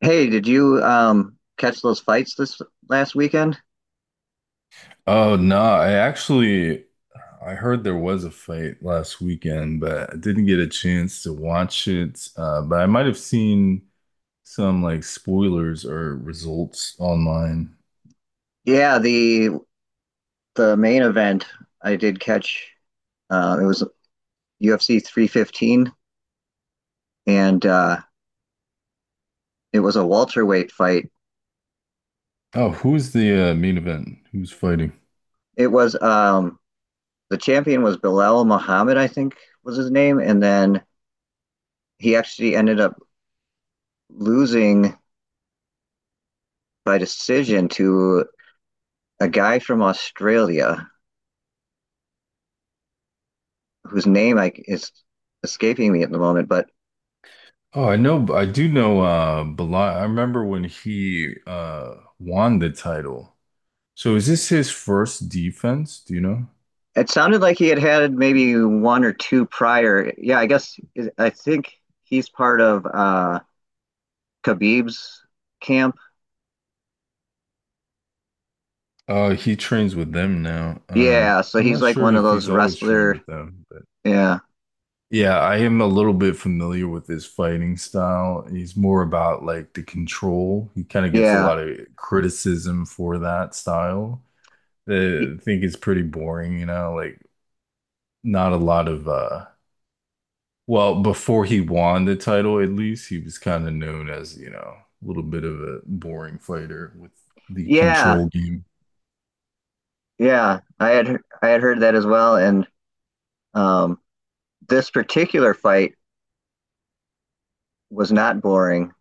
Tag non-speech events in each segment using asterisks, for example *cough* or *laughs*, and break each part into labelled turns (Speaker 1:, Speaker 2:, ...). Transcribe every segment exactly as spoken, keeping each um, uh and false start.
Speaker 1: Hey, did you um catch those fights this last weekend?
Speaker 2: Oh no, I actually I heard there was a fight last weekend, but I didn't get a chance to watch it. Uh, but I might have seen some like spoilers or results online.
Speaker 1: Yeah, the the main event I did catch. Uh, it was U F C three fifteen, and uh, it was a welterweight fight.
Speaker 2: Oh, who's the uh, main event? Who's fighting?
Speaker 1: It was um The champion was Bilal Muhammad, I think was his name, and then he actually ended up losing by decision to a guy from Australia whose name I is escaping me at the moment, but
Speaker 2: Oh, I know, I do know uh Belal. I remember when he uh won the title. So is this his first defense? Do you know?
Speaker 1: it sounded like he had had maybe one or two prior. Yeah, I guess I think he's part of uh Khabib's camp.
Speaker 2: Uh, he trains with them now. Um,
Speaker 1: Yeah, so
Speaker 2: I'm
Speaker 1: he's
Speaker 2: not
Speaker 1: like
Speaker 2: sure
Speaker 1: one of
Speaker 2: if
Speaker 1: those
Speaker 2: he's always trained
Speaker 1: wrestler.
Speaker 2: with them.
Speaker 1: Yeah,
Speaker 2: Yeah, I am a little bit familiar with his fighting style. He's more about like the control. He kind of gets a
Speaker 1: yeah,
Speaker 2: lot of criticism for that style.
Speaker 1: Y-
Speaker 2: Uh, I think it's pretty boring, you know, like not a lot of uh well, before he won the title at least, he was kind of known as, you know, a little bit of a boring fighter with the
Speaker 1: yeah,
Speaker 2: control game.
Speaker 1: yeah. I had he- I had heard that as well, and um, this particular fight was not boring,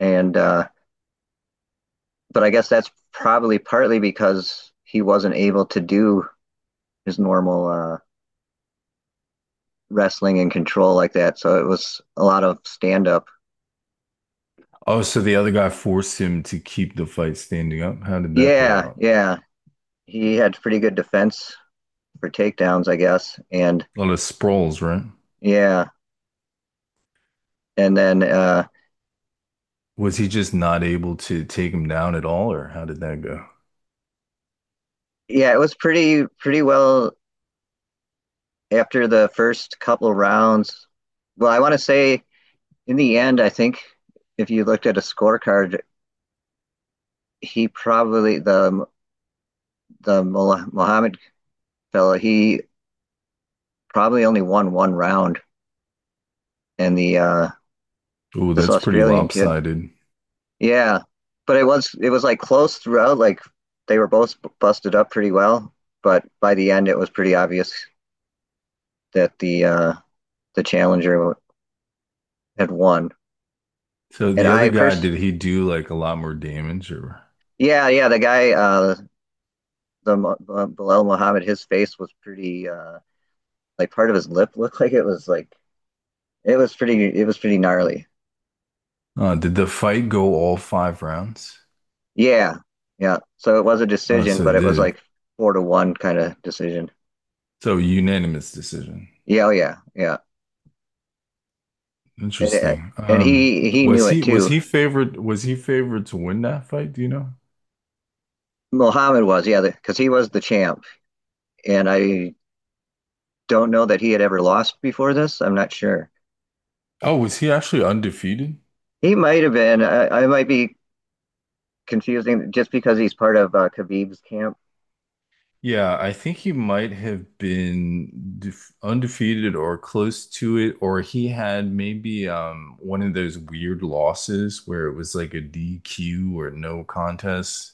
Speaker 1: and uh, but I guess that's probably partly because he wasn't able to do his normal uh, wrestling and control like that, so it was a lot of stand up.
Speaker 2: Oh, so the other guy forced him to keep the fight standing up. How did that play
Speaker 1: Yeah,
Speaker 2: out?
Speaker 1: yeah. He had pretty good defense for takedowns, I guess. And
Speaker 2: A lot of sprawls, right?
Speaker 1: yeah, and then uh
Speaker 2: Was he just not able to take him down at all, or how did that go?
Speaker 1: yeah, it was pretty pretty well after the first couple rounds. Well, I want to say in the end, I think if you looked at a scorecard, he probably, the the Muhammad fella, he probably only won one round, and the uh
Speaker 2: Oh,
Speaker 1: this
Speaker 2: that's pretty
Speaker 1: Australian kid.
Speaker 2: lopsided.
Speaker 1: Yeah, but it was it was like close throughout. Like they were both b- busted up pretty well, but by the end it was pretty obvious that the uh the challenger had won.
Speaker 2: So
Speaker 1: And
Speaker 2: the other
Speaker 1: I
Speaker 2: guy,
Speaker 1: first,
Speaker 2: did he do like a lot more damage, or
Speaker 1: yeah, yeah, the guy, uh, the Mo- uh, Bilal Muhammad, his face was pretty uh like part of his lip *laughs* looked like it was like it was pretty it was pretty gnarly.
Speaker 2: uh, did the fight go all five rounds?
Speaker 1: Yeah, yeah. So it was a
Speaker 2: Oh,
Speaker 1: decision,
Speaker 2: so
Speaker 1: but
Speaker 2: it
Speaker 1: it was
Speaker 2: did.
Speaker 1: like four to one kind of decision.
Speaker 2: So unanimous decision.
Speaker 1: Yeah, oh yeah, yeah. And uh,
Speaker 2: Interesting.
Speaker 1: and
Speaker 2: Um,
Speaker 1: he he knew
Speaker 2: was
Speaker 1: it
Speaker 2: he was
Speaker 1: too.
Speaker 2: he favored? Was he favored to win that fight? Do you know?
Speaker 1: Muhammad was, yeah, because he was the champ, and I don't know that he had ever lost before this. I'm not sure.
Speaker 2: Oh, was he actually undefeated?
Speaker 1: He might have been. I, I might be confusing just because he's part of uh, Khabib's camp.
Speaker 2: Yeah, I think he might have been def undefeated or close to it, or he had maybe um, one of those weird losses where it was like a D Q or no contest,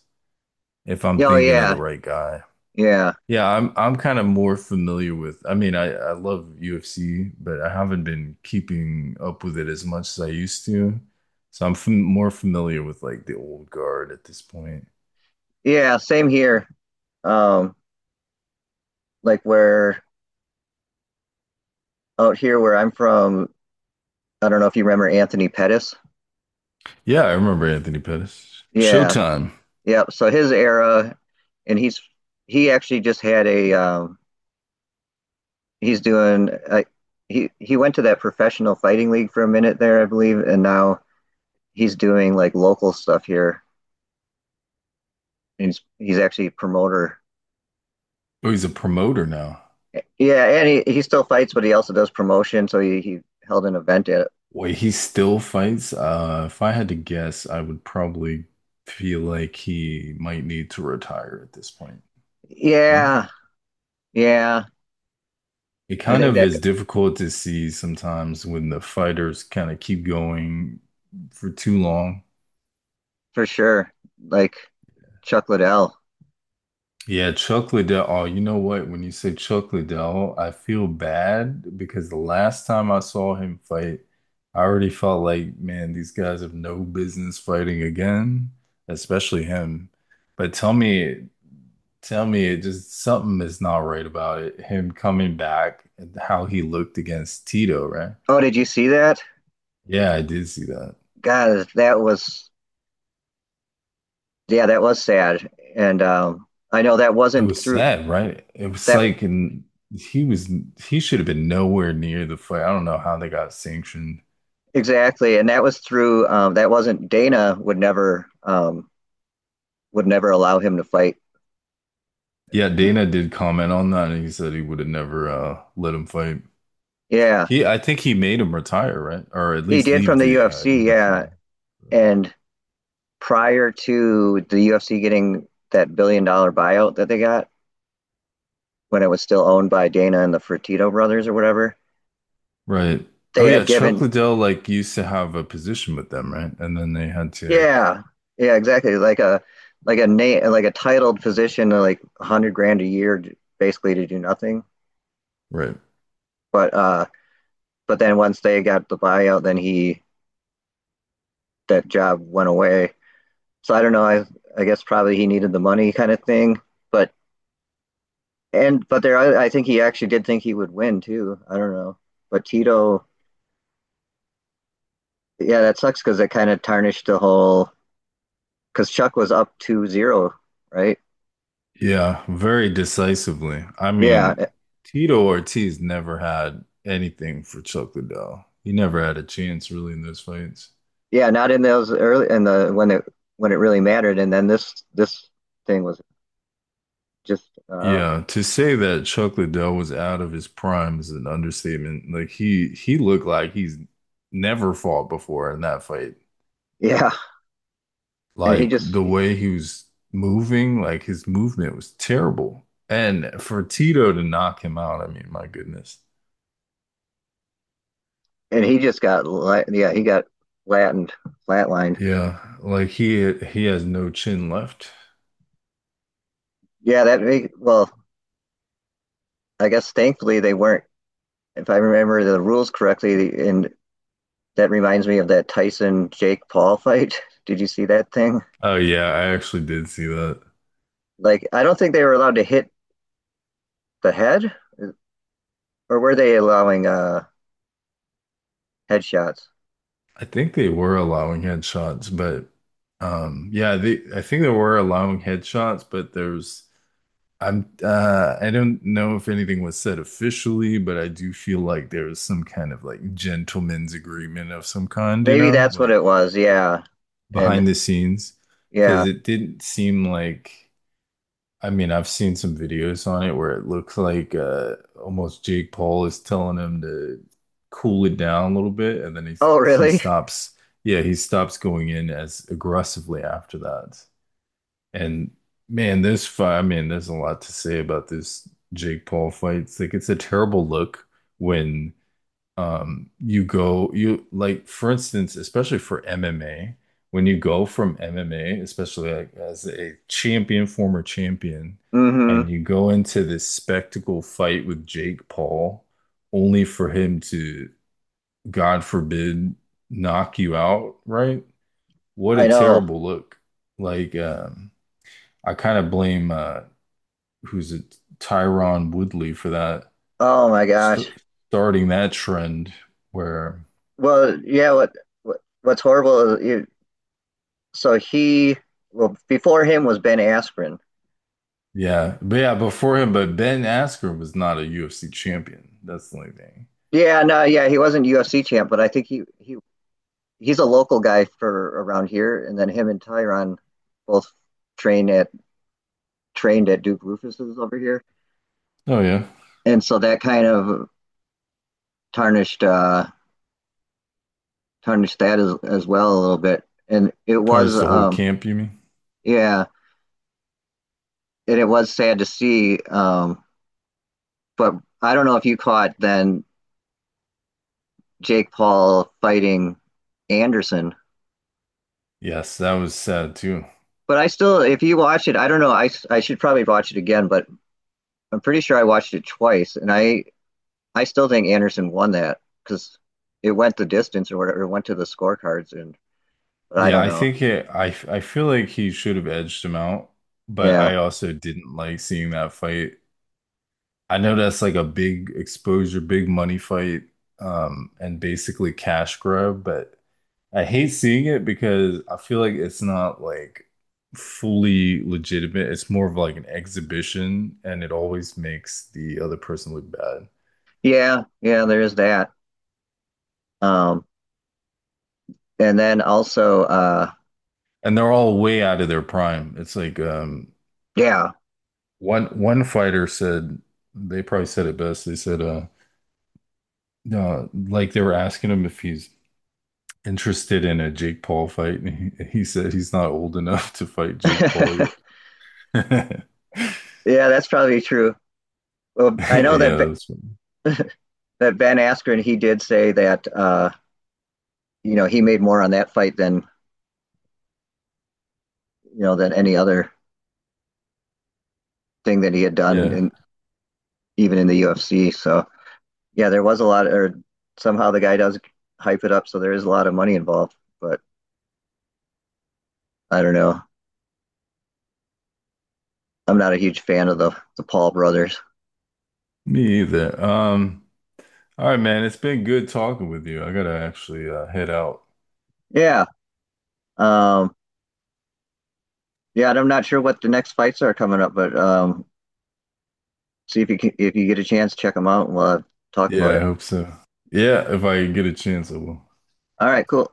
Speaker 2: if I'm
Speaker 1: Oh
Speaker 2: thinking of the
Speaker 1: yeah,
Speaker 2: right guy.
Speaker 1: yeah,
Speaker 2: Yeah, I'm I'm kind of more familiar with, I mean, I, I love U F C, but I haven't been keeping up with it as much as I used to. So I'm fam more familiar with like the old guard at this point.
Speaker 1: yeah. Same here. Um, like where out here where I'm from, I don't know if you remember Anthony Pettis.
Speaker 2: Yeah, I remember Anthony Pettis.
Speaker 1: Yeah,
Speaker 2: Showtime.
Speaker 1: yeah. So his era, and he's he actually just had a, um, he's doing, uh, he he went to that professional fighting league for a minute there, I believe, and now he's doing like local stuff here. He's he's actually a promoter.
Speaker 2: Oh, he's a promoter now.
Speaker 1: Yeah, and he, he still fights, but he also does promotion. So he, he held an event at it.
Speaker 2: Wait, he still fights? Uh, if I had to guess, I would probably feel like he might need to retire at this point. No?
Speaker 1: Yeah, yeah,
Speaker 2: It
Speaker 1: I
Speaker 2: kind
Speaker 1: think
Speaker 2: of
Speaker 1: that,
Speaker 2: is difficult to see sometimes when the fighters kind of keep going for too long.
Speaker 1: for sure. Like Chuck Liddell.
Speaker 2: Yeah, chocolate Del. Oh, you know what? When you say chocolate Del, I feel bad because the last time I saw him fight, I already felt like, man, these guys have no business fighting again, especially him. But tell me, tell me, it just something is not right about it. Him coming back and how he looked against Tito, right?
Speaker 1: Oh, did you see that?
Speaker 2: Yeah, I did see that.
Speaker 1: God, that was yeah, that was sad. And um, I know that
Speaker 2: It
Speaker 1: wasn't
Speaker 2: was
Speaker 1: through
Speaker 2: sad, right? It was
Speaker 1: that.
Speaker 2: like, and he was he should have been nowhere near the fight. I don't know how they got sanctioned.
Speaker 1: Exactly, and that was through um, that wasn't, Dana would never, um, would never allow him to fight.
Speaker 2: Yeah, Dana did comment on that, and he said he would have never uh, let him fight.
Speaker 1: Yeah,
Speaker 2: He, I think he made him retire, right? Or at
Speaker 1: he
Speaker 2: least
Speaker 1: did from
Speaker 2: leave
Speaker 1: the
Speaker 2: the uh,
Speaker 1: U F C.
Speaker 2: U F C.
Speaker 1: Yeah, and prior to the U F C getting that billion dollar buyout that they got when it was still owned by Dana and the Fertitta brothers or whatever,
Speaker 2: Right. Oh
Speaker 1: they
Speaker 2: yeah,
Speaker 1: had
Speaker 2: Chuck
Speaker 1: given,
Speaker 2: Liddell like used to have a position with them, right? And then they had to,
Speaker 1: yeah, yeah, exactly, like a, like a name, like a titled position, like a hundred grand a year, basically, to do nothing.
Speaker 2: right.
Speaker 1: But uh, but then once they got the buyout, then he that job went away. So I don't know. I I guess probably he needed the money, kind of thing. But and but there, I, I think he actually did think he would win too. I don't know. But Tito, yeah, that sucks because it kind of tarnished the whole. Because Chuck was up two zero, right?
Speaker 2: Yeah, very decisively. I
Speaker 1: Yeah, eh,
Speaker 2: mean, Tito Ortiz never had anything for Chuck Liddell. He never had a chance really in those fights.
Speaker 1: yeah, not in those early in the when it when it really mattered, and then this this thing was just uh,
Speaker 2: Yeah, to say that Chuck Liddell was out of his prime is an understatement. Like he he looked like he's never fought before in that fight.
Speaker 1: yeah, and he
Speaker 2: Like
Speaker 1: just
Speaker 2: the way he was moving, like his movement was terrible. And for Tito to knock him out, I mean, my goodness.
Speaker 1: and he just got la- yeah, he got flattened flatlined.
Speaker 2: Yeah, like he he has no chin left.
Speaker 1: Yeah, that well, I guess thankfully they weren't, if I remember the rules correctly, and that reminds me of that Tyson Jake Paul *laughs* fight. Did you see that thing?
Speaker 2: Oh yeah, I actually did see that.
Speaker 1: Like, I don't think they were allowed to hit the head, or were they allowing uh headshots?
Speaker 2: I think they were allowing headshots, but um yeah, they I think they were allowing headshots, but there's I'm uh I don't know if anything was said officially, but I do feel like there was some kind of like gentleman's agreement of some kind, you
Speaker 1: Maybe
Speaker 2: know,
Speaker 1: that's what
Speaker 2: like
Speaker 1: it was. Yeah, and
Speaker 2: behind the scenes,
Speaker 1: yeah.
Speaker 2: because it didn't seem like I mean, I've seen some videos on it where it looks like uh almost Jake Paul is telling him to cool it down a little bit, and then he
Speaker 1: Oh,
Speaker 2: he
Speaker 1: really? *laughs*
Speaker 2: stops, yeah, he stops going in as aggressively after that. And man, this fight, I mean, there's a lot to say about this Jake Paul fight. It's like it's a terrible look when um you go you like for instance, especially for M M A, when you go from M M A, especially like as a champion, former champion,
Speaker 1: Mm-hmm.
Speaker 2: and you go into this spectacle fight with Jake Paul only for him to, God forbid, knock you out, right? What a
Speaker 1: I know.
Speaker 2: terrible look. Like, um I kind of blame uh, who's it, Tyron Woodley for that
Speaker 1: Oh my
Speaker 2: st
Speaker 1: gosh.
Speaker 2: starting that trend where
Speaker 1: Well, yeah. What, what what's horrible is, you, so he, well, before him was Ben Askren.
Speaker 2: yeah, but yeah, before him, but Ben Askren was not a U F C champion. That's the only thing.
Speaker 1: Yeah, no, yeah, he wasn't U F C champ, but I think he he he's a local guy for around here, and then him and Tyron both trained at trained at Duke Rufus's over here,
Speaker 2: Oh yeah,
Speaker 1: and so that kind of tarnished uh, tarnished that as as well a little bit. And it was,
Speaker 2: tarnished the whole
Speaker 1: um,
Speaker 2: camp. You mean?
Speaker 1: yeah, and it was sad to see. Um, but I don't know if you caught then Jake Paul fighting Anderson.
Speaker 2: Yes, that was sad too.
Speaker 1: But I still, if you watch it, I don't know. I, I should probably watch it again, but I'm pretty sure I watched it twice, and I I still think Anderson won that because it went the distance or whatever. It went to the scorecards, and but I
Speaker 2: Yeah,
Speaker 1: don't
Speaker 2: I
Speaker 1: know.
Speaker 2: think it. I I feel like he should have edged him out, but
Speaker 1: Yeah,
Speaker 2: I also didn't like seeing that fight. I know that's like a big exposure, big money fight, um, and basically cash grab, but I hate seeing it because I feel like it's not like fully legitimate. It's more of like an exhibition, and it always makes the other person look bad.
Speaker 1: yeah, yeah. There is that. Um, and then also, uh,
Speaker 2: And they're all way out of their prime. It's like um,
Speaker 1: yeah,
Speaker 2: one one fighter said they probably said it best. They said uh, no, like they were asking him if he's interested in a Jake Paul fight, and he, he said he's not old enough to fight Jake Paul
Speaker 1: *laughs* yeah.
Speaker 2: yet. *laughs*
Speaker 1: That's probably true. Well, I know that Be-
Speaker 2: Yeah, that's,
Speaker 1: that Ben Askren, he did say that uh, you know he made more on that fight than you know than any other thing that he had done,
Speaker 2: yeah,
Speaker 1: and even in the U F C. So yeah, there was a lot, or somehow the guy does hype it up, so there is a lot of money involved. But I don't know. I'm not a huge fan of the the Paul brothers.
Speaker 2: me either. Um, all right, man, it's been good talking with you. I gotta actually uh, head out.
Speaker 1: Yeah. Um, yeah, and I'm not sure what the next fights are coming up, but um, see if you can, if you get a chance, check them out, and we'll uh, talk about
Speaker 2: Yeah, I
Speaker 1: it.
Speaker 2: hope so. Yeah, if I get a chance, I will.
Speaker 1: All right, cool.